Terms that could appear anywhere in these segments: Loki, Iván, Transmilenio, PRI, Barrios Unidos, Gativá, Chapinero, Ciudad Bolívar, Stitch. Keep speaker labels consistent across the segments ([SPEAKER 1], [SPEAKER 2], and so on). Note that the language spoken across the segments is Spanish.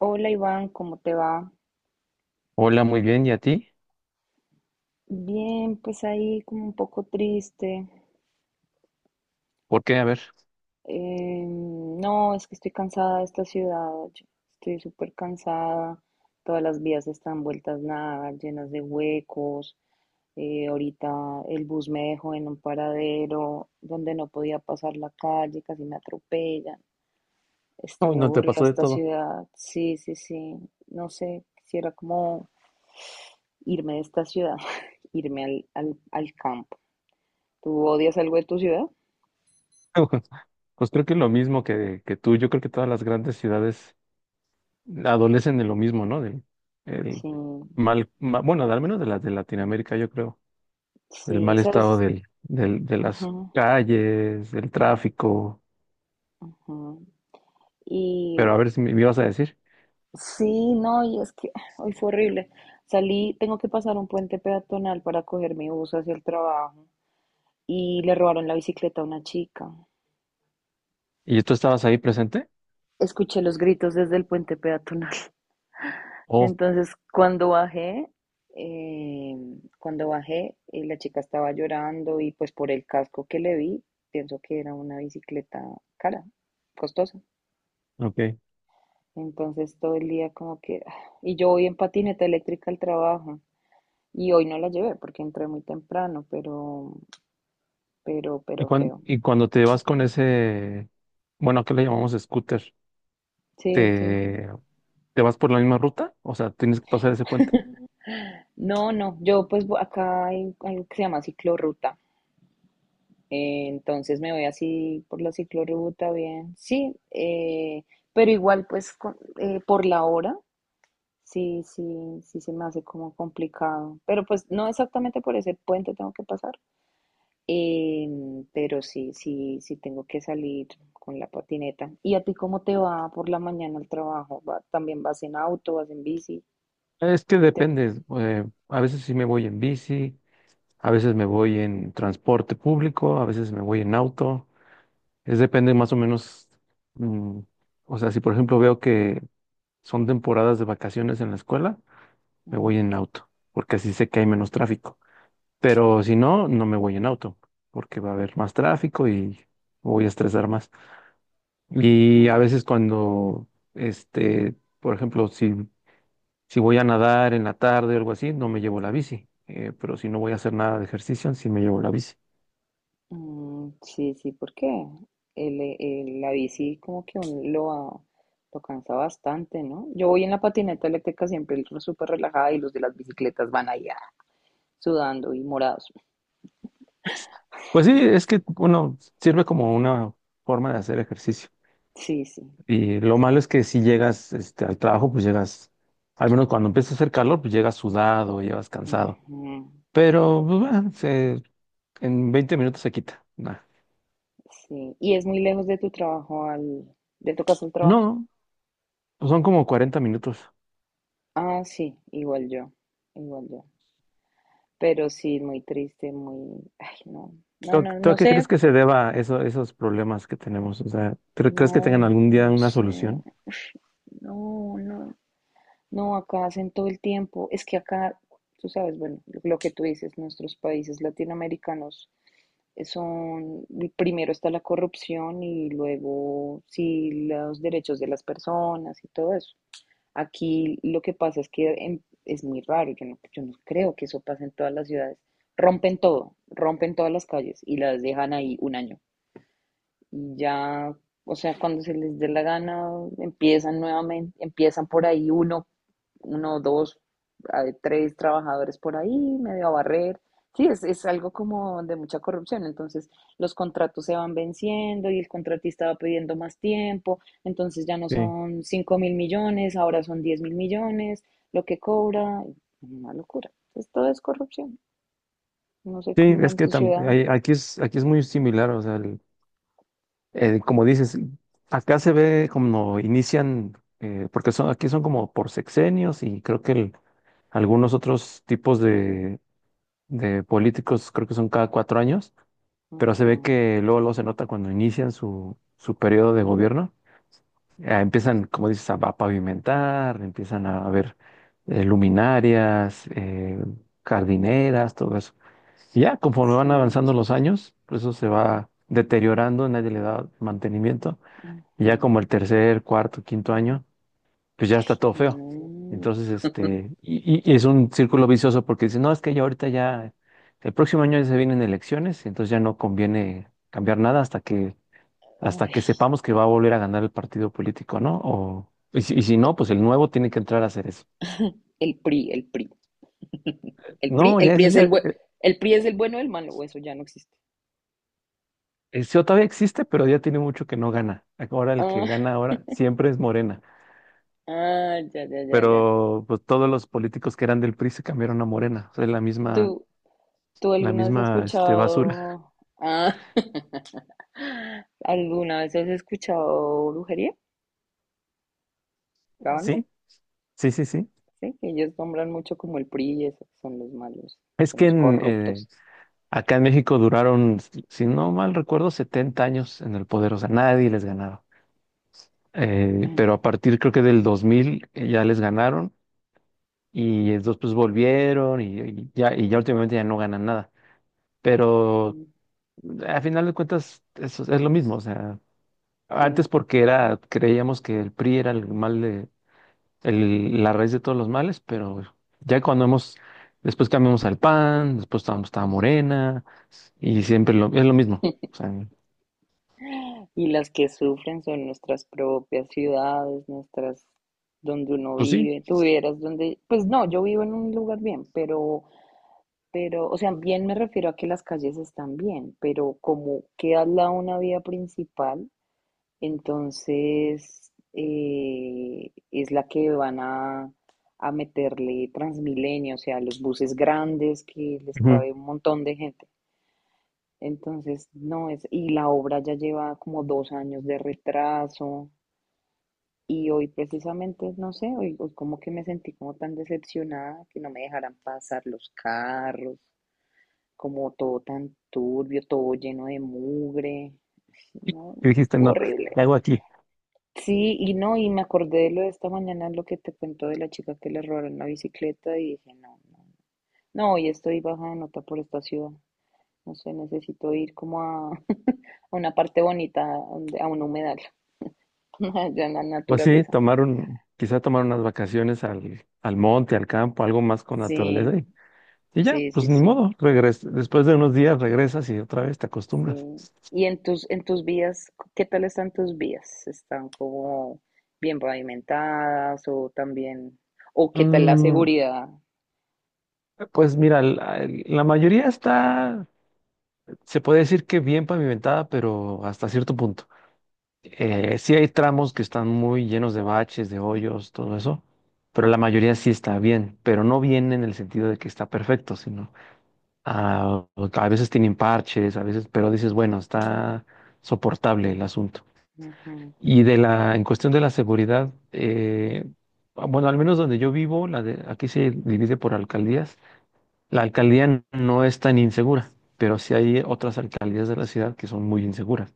[SPEAKER 1] Hola Iván, ¿cómo te va?
[SPEAKER 2] Hola, muy bien. ¿Y a ti?
[SPEAKER 1] Bien, pues ahí como un poco triste.
[SPEAKER 2] ¿Por qué? A ver.
[SPEAKER 1] No, es que estoy cansada de esta ciudad, yo estoy súper cansada. Todas las vías están vueltas nada, llenas de huecos. Ahorita el bus me dejó en un paradero donde no podía pasar la calle, casi me atropellan.
[SPEAKER 2] Uy,
[SPEAKER 1] Estoy
[SPEAKER 2] no te
[SPEAKER 1] aburrida de
[SPEAKER 2] pasó de
[SPEAKER 1] esta
[SPEAKER 2] todo.
[SPEAKER 1] ciudad. Sí, sí, sí. No sé, quisiera como irme de esta ciudad, irme al campo. ¿Tú odias algo de tu ciudad?
[SPEAKER 2] Pues creo que lo mismo que tú. Yo creo que todas las grandes ciudades adolecen de lo mismo, ¿no? Del el
[SPEAKER 1] Sí,
[SPEAKER 2] mal, ma- Bueno, al menos de las de Latinoamérica, yo creo. Del
[SPEAKER 1] sí,
[SPEAKER 2] mal estado
[SPEAKER 1] sabes.
[SPEAKER 2] del de
[SPEAKER 1] Ujú,
[SPEAKER 2] las calles, del tráfico.
[SPEAKER 1] ujú. Y
[SPEAKER 2] Pero a ver si me ibas a decir.
[SPEAKER 1] sí, no, y es que hoy fue horrible. Salí, tengo que pasar un puente peatonal para coger mi bus hacia el trabajo y le robaron la bicicleta a una chica.
[SPEAKER 2] ¿Y tú estabas ahí presente?
[SPEAKER 1] Escuché los gritos desde el puente peatonal.
[SPEAKER 2] Oh,
[SPEAKER 1] Entonces, eh, cuando bajé, la chica estaba llorando y pues por el casco que le vi, pienso que era una bicicleta cara, costosa.
[SPEAKER 2] ok.
[SPEAKER 1] Entonces todo el día como que... ah, y yo voy en patineta eléctrica al trabajo. Y hoy no la llevé porque entré muy temprano, pero, pero,
[SPEAKER 2] ¿Y,
[SPEAKER 1] pero
[SPEAKER 2] cuan-
[SPEAKER 1] feo.
[SPEAKER 2] y cuando te vas con ese, bueno, ¿qué le llamamos scooter?
[SPEAKER 1] Sí, sí.
[SPEAKER 2] ¿Te, te vas por la misma ruta? O sea, ¿tienes que pasar ese puente?
[SPEAKER 1] No, no, yo pues acá hay algo que se llama ciclorruta. Entonces me voy así por la ciclorruta, bien. Sí, pero igual pues por la hora, sí, sí, sí se me hace como complicado. Pero pues no exactamente por ese puente tengo que pasar. Pero sí, sí, sí tengo que salir con la patineta. ¿Y a ti cómo te va por la mañana al trabajo? También vas en auto, vas en bici?
[SPEAKER 2] Es que
[SPEAKER 1] Te-
[SPEAKER 2] depende. A veces sí me voy en bici, a veces me voy en transporte público, a veces me voy en auto. Es depende más o menos. mm, o sea, si por ejemplo veo que son temporadas de vacaciones en la escuela, me
[SPEAKER 1] Ujú,
[SPEAKER 2] voy en auto, porque así sé que hay menos tráfico. Pero si no, no me voy en auto, porque va a haber más tráfico y me voy a estresar más. Y a
[SPEAKER 1] ujú.
[SPEAKER 2] veces cuando, este, por ejemplo, si voy a nadar en la tarde o algo así, no me llevo la bici. Pero si no voy a hacer nada de ejercicio, sí me llevo la bici.
[SPEAKER 1] Mm, sí, sí, porque la bici como que lo cansa bastante, ¿no? Yo voy en la patineta eléctrica siempre súper relajada y los de las bicicletas van allá sudando y morados.
[SPEAKER 2] Pues sí, es que uno sirve como una forma de hacer ejercicio.
[SPEAKER 1] Sí, sí.
[SPEAKER 2] Y lo malo es que si llegas al trabajo, pues llegas, al menos cuando empieza a hacer calor, pues llegas sudado, llegas cansado.
[SPEAKER 1] Ujú.
[SPEAKER 2] Pero pues, bueno, en 20 minutos se quita. Nah.
[SPEAKER 1] Sí, y es muy lejos de tu trabajo al, de tu casa al trabajo.
[SPEAKER 2] No, pues son como 40 minutos.
[SPEAKER 1] Ah, sí, igual yo, igual yo. Pero sí, muy triste, muy, ay, no, no,
[SPEAKER 2] ¿Tú,
[SPEAKER 1] no,
[SPEAKER 2] tú a
[SPEAKER 1] no
[SPEAKER 2] qué crees
[SPEAKER 1] sé,
[SPEAKER 2] que se deba eso, esos problemas que tenemos? O sea, ¿tú ¿crees que tengan
[SPEAKER 1] no,
[SPEAKER 2] algún día
[SPEAKER 1] no
[SPEAKER 2] una
[SPEAKER 1] sé, no,
[SPEAKER 2] solución?
[SPEAKER 1] no, no, acá hacen todo el tiempo. Es que acá, tú sabes, bueno, lo que tú dices, nuestros países latinoamericanos son, primero está la corrupción y luego sí los derechos de las personas y todo eso. Aquí lo que pasa es que es muy raro, yo no, yo no creo que eso pase en todas las ciudades. Rompen todo, rompen todas las calles y las dejan ahí un año. Y ya, o sea, cuando se les dé la gana, empiezan nuevamente, empiezan por ahí uno, dos, tres trabajadores por ahí, medio a barrer. Sí, es algo como de mucha corrupción. Entonces, los contratos se van venciendo y el contratista va pidiendo más tiempo. Entonces, ya no
[SPEAKER 2] Sí.
[SPEAKER 1] son 5 mil millones, ahora son 10 mil millones, lo que cobra. Una locura. Entonces, todo es corrupción. No sé
[SPEAKER 2] Sí,
[SPEAKER 1] cómo sea
[SPEAKER 2] es
[SPEAKER 1] en
[SPEAKER 2] que
[SPEAKER 1] tu ciudad.
[SPEAKER 2] aquí es muy similar, o sea, como dices, acá se ve como inician, porque son, aquí son como por sexenios y creo que algunos otros tipos de políticos creo que son cada 4 años, pero se ve
[SPEAKER 1] Ujú.
[SPEAKER 2] que luego, luego se nota cuando inician su periodo de gobierno, empiezan, como dices, a pavimentar, empiezan a ver luminarias, jardineras, todo eso. Y ya, conforme van
[SPEAKER 1] Sí.
[SPEAKER 2] avanzando los años, pues eso se va deteriorando, nadie le da mantenimiento. Y
[SPEAKER 1] Ujú.
[SPEAKER 2] ya como el tercer, cuarto, quinto año, pues ya está todo feo.
[SPEAKER 1] No,
[SPEAKER 2] Entonces, y es un círculo vicioso porque dicen, no, es que ya ahorita ya, el próximo año ya se vienen elecciones, entonces ya no conviene cambiar nada hasta que, hasta
[SPEAKER 1] ay,
[SPEAKER 2] que sepamos que va a volver a ganar el partido político, ¿no? O, y si no, pues el nuevo tiene que entrar a hacer eso.
[SPEAKER 1] el PRI, el PRI.
[SPEAKER 2] No,
[SPEAKER 1] El
[SPEAKER 2] ya
[SPEAKER 1] PRI
[SPEAKER 2] es,
[SPEAKER 1] es el
[SPEAKER 2] ya,
[SPEAKER 1] buen, el PRI es el bueno o el malo, o eso ya no existe.
[SPEAKER 2] El CEO todavía existe, pero ya tiene mucho que no gana. Ahora el que
[SPEAKER 1] Ah,
[SPEAKER 2] gana ahora siempre es Morena.
[SPEAKER 1] ah, ya, ya, ya, ya.
[SPEAKER 2] Pero pues todos los políticos que eran del PRI se cambiaron a Morena. O sea, es la misma,
[SPEAKER 1] ¿Tú, tú
[SPEAKER 2] la
[SPEAKER 1] alguna vez has
[SPEAKER 2] misma basura.
[SPEAKER 1] escuchado, ah, alguna vez has escuchado brujería, la banda?
[SPEAKER 2] Sí, sí, sí, sí.
[SPEAKER 1] Sí, que ellos nombran mucho como el PRI y eso, son los malos,
[SPEAKER 2] Es
[SPEAKER 1] son
[SPEAKER 2] que
[SPEAKER 1] los corruptos.
[SPEAKER 2] acá en México duraron, si no mal recuerdo, 70 años en el poder. O sea, nadie les ganaba.
[SPEAKER 1] Mm.
[SPEAKER 2] Pero a partir creo que del 2000 ya les ganaron y después pues, volvieron y ya últimamente ya no ganan nada. Pero al final de cuentas, eso es lo mismo. O sea,
[SPEAKER 1] Sí.
[SPEAKER 2] antes porque era, creíamos que el PRI era el mal de, la raíz de todos los males, pero ya cuando hemos, después cambiamos al PAN, después estaba Morena, y siempre es lo mismo. O sea,
[SPEAKER 1] Y las que sufren son nuestras propias ciudades, nuestras, donde uno
[SPEAKER 2] pues sí.
[SPEAKER 1] vive. Tuvieras donde, pues no, yo vivo en un lugar bien, pero, o sea, bien me refiero a que las calles están bien, pero como queda al lado una vía principal, entonces es la que van a meterle Transmilenio, o sea, los buses grandes que les
[SPEAKER 2] Ujú.
[SPEAKER 1] cabe un montón de gente. Entonces, no es, y la obra ya lleva como dos años de retraso y hoy precisamente, no sé, hoy, hoy como que me sentí como tan decepcionada que no me dejaran pasar los carros, como todo tan turbio, todo lleno de mugre, no,
[SPEAKER 2] Y dijiste, no, ¿qué
[SPEAKER 1] horrible.
[SPEAKER 2] hago aquí?
[SPEAKER 1] Sí, y no, y me acordé de lo de esta mañana, lo que te cuento de la chica que le robaron la bicicleta y dije, no, no, no, hoy estoy baja de nota por esta ciudad, no sé, necesito ir como a una parte bonita, a un humedal, allá en la
[SPEAKER 2] Pues sí,
[SPEAKER 1] naturaleza.
[SPEAKER 2] tomar un, quizá tomar unas vacaciones al monte, al campo, algo más con naturaleza
[SPEAKER 1] Sí,
[SPEAKER 2] y ya,
[SPEAKER 1] sí, sí,
[SPEAKER 2] pues ni
[SPEAKER 1] sí,
[SPEAKER 2] modo, después de unos días regresas y otra vez te acostumbras.
[SPEAKER 1] sí. ¿Y en tus vías, qué tal están tus vías? ¿Están como bien pavimentadas o también, o qué tal la
[SPEAKER 2] Mm,
[SPEAKER 1] seguridad?
[SPEAKER 2] Pues mira, la mayoría está, se puede decir que bien pavimentada, pero hasta cierto punto.
[SPEAKER 1] Ujú,
[SPEAKER 2] Sí hay tramos que están muy llenos de baches, de hoyos, todo eso, pero la mayoría sí está bien, pero no bien en el sentido de que está perfecto, sino ah, a veces tienen parches, a veces, pero dices, bueno, está soportable el asunto.
[SPEAKER 1] ujú,
[SPEAKER 2] Y en cuestión de la seguridad, bueno, al menos donde yo vivo, aquí se divide por alcaldías. La
[SPEAKER 1] ujú,
[SPEAKER 2] alcaldía no es tan insegura, pero sí hay otras alcaldías de la ciudad que son muy inseguras.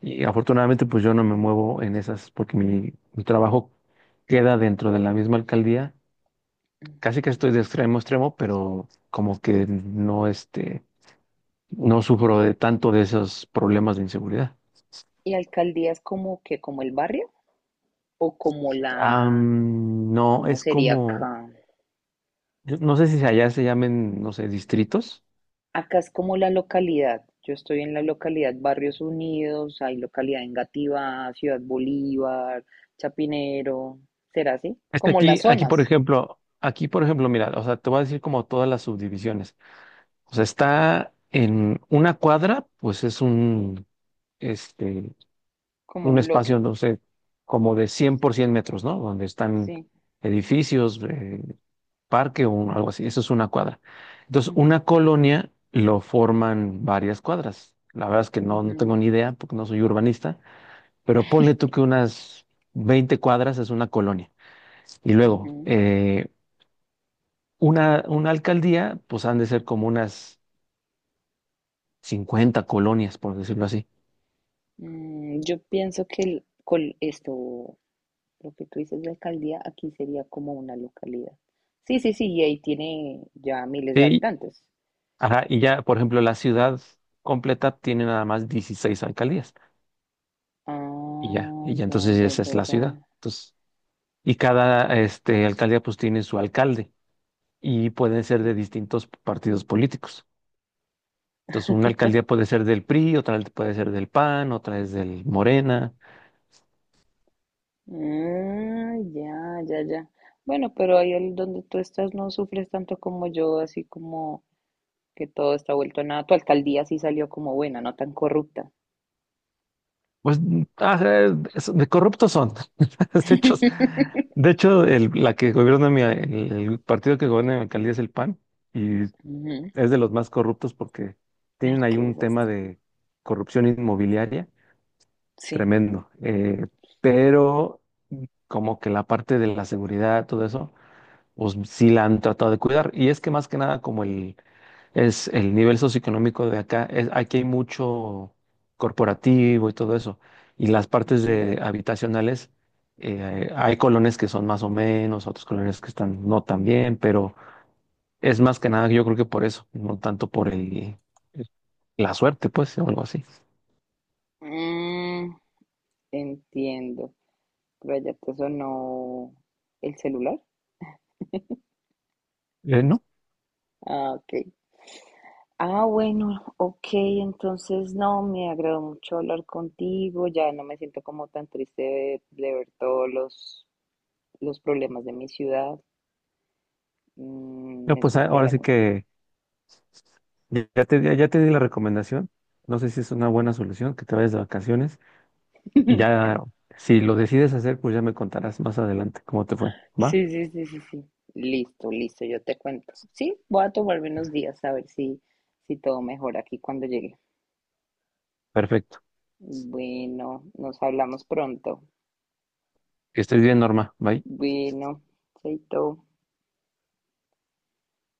[SPEAKER 2] Y afortunadamente, pues yo no me muevo en esas porque mi trabajo queda dentro de la misma alcaldía. Casi que
[SPEAKER 1] ujú.
[SPEAKER 2] estoy de extremo a extremo, pero como que no, no sufro de tanto de esos problemas de inseguridad.
[SPEAKER 1] ¿Y alcaldías como que, como el barrio o como la,
[SPEAKER 2] No,
[SPEAKER 1] cómo
[SPEAKER 2] es
[SPEAKER 1] sería
[SPEAKER 2] como,
[SPEAKER 1] acá?
[SPEAKER 2] yo no sé si allá se llamen, no sé, distritos.
[SPEAKER 1] Acá es como la localidad. Yo estoy en la localidad Barrios Unidos, hay localidad en Gativá, Ciudad Bolívar, Chapinero. ¿Será así?
[SPEAKER 2] Es que
[SPEAKER 1] Como las
[SPEAKER 2] aquí, aquí, por
[SPEAKER 1] zonas,
[SPEAKER 2] ejemplo, aquí, por ejemplo, mira, o sea, te voy a decir como todas las subdivisiones. O sea, está en una cuadra, pues es este,
[SPEAKER 1] como
[SPEAKER 2] un
[SPEAKER 1] un
[SPEAKER 2] espacio,
[SPEAKER 1] bloque.
[SPEAKER 2] no sé, como de 100 por 100 metros, ¿no? Donde están
[SPEAKER 1] Sí.
[SPEAKER 2] edificios, parque o algo así. Eso es una cuadra. Entonces,
[SPEAKER 1] Ujú,
[SPEAKER 2] una colonia lo forman varias cuadras. La verdad es que no
[SPEAKER 1] ujú,
[SPEAKER 2] tengo ni idea porque no soy urbanista, pero ponle tú que unas 20 cuadras es una colonia. Y luego,
[SPEAKER 1] ujú.
[SPEAKER 2] una alcaldía, pues han de ser como unas 50 colonias, por decirlo así.
[SPEAKER 1] Mm, yo pienso que con esto, lo que tú dices de alcaldía, aquí sería como una localidad. Sí, sí, sí, y ahí tiene ya miles de
[SPEAKER 2] Sí,
[SPEAKER 1] habitantes.
[SPEAKER 2] ajá, y ya, por ejemplo, la ciudad completa tiene nada más 16 alcaldías. Y ya,
[SPEAKER 1] Ah,
[SPEAKER 2] y ya
[SPEAKER 1] ya,
[SPEAKER 2] entonces
[SPEAKER 1] ya,
[SPEAKER 2] esa es
[SPEAKER 1] ya,
[SPEAKER 2] la
[SPEAKER 1] ya.
[SPEAKER 2] ciudad. Entonces, y cada alcaldía pues tiene su alcalde y pueden ser
[SPEAKER 1] Sí.
[SPEAKER 2] de distintos partidos políticos. Entonces, una alcaldía puede ser del PRI, otra puede ser del PAN, otra es del Morena.
[SPEAKER 1] Ah, ya, ya, ya. Bueno, pero ahí donde tú estás no sufres tanto como yo, así como que todo está vuelto a nada. Tu alcaldía sí salió como buena, no tan corrupta.
[SPEAKER 2] Pues de corruptos son. De hecho, de hecho la que gobierna el partido que gobierna mi alcaldía es el PAN. Y
[SPEAKER 1] Ujú.
[SPEAKER 2] es de los más corruptos porque
[SPEAKER 1] Ay,
[SPEAKER 2] tienen ahí
[SPEAKER 1] qué
[SPEAKER 2] un tema
[SPEAKER 1] desastre.
[SPEAKER 2] de corrupción inmobiliaria
[SPEAKER 1] Sí.
[SPEAKER 2] tremendo. Pero como que la parte de la seguridad, todo eso, pues sí la han tratado de cuidar. Y es que más que nada, es el nivel socioeconómico de acá, aquí hay mucho corporativo y todo eso. Y las partes
[SPEAKER 1] Ujú.
[SPEAKER 2] de habitacionales, hay colonias que son más o menos, otros colonias que están no tan bien, pero es más que nada, yo creo que por eso, no tanto por el la suerte, pues, o algo así.
[SPEAKER 1] Mm, entiendo. Pero allá te sonó el celular.
[SPEAKER 2] No,
[SPEAKER 1] Ah, ok. Ah, bueno, ok, entonces no, me agradó mucho hablar contigo, ya no me siento como tan triste de ver todos los problemas de mi ciudad. Mm,
[SPEAKER 2] no,
[SPEAKER 1] me
[SPEAKER 2] pues
[SPEAKER 1] subiste el
[SPEAKER 2] ahora sí
[SPEAKER 1] ánimo.
[SPEAKER 2] que ya te di la recomendación. No sé si es una buena solución que te vayas de vacaciones y ya, si lo decides hacer, pues ya me contarás más adelante cómo te fue. ¿Va?
[SPEAKER 1] Sí, sí, sí, sí, sí. Listo, listo, yo te cuento. Sí, voy a tomarme unos días a ver si, si todo mejora aquí cuando llegue.
[SPEAKER 2] Perfecto.
[SPEAKER 1] Bueno, nos hablamos pronto.
[SPEAKER 2] Que estés bien, Norma. Bye.
[SPEAKER 1] Bueno, chaito.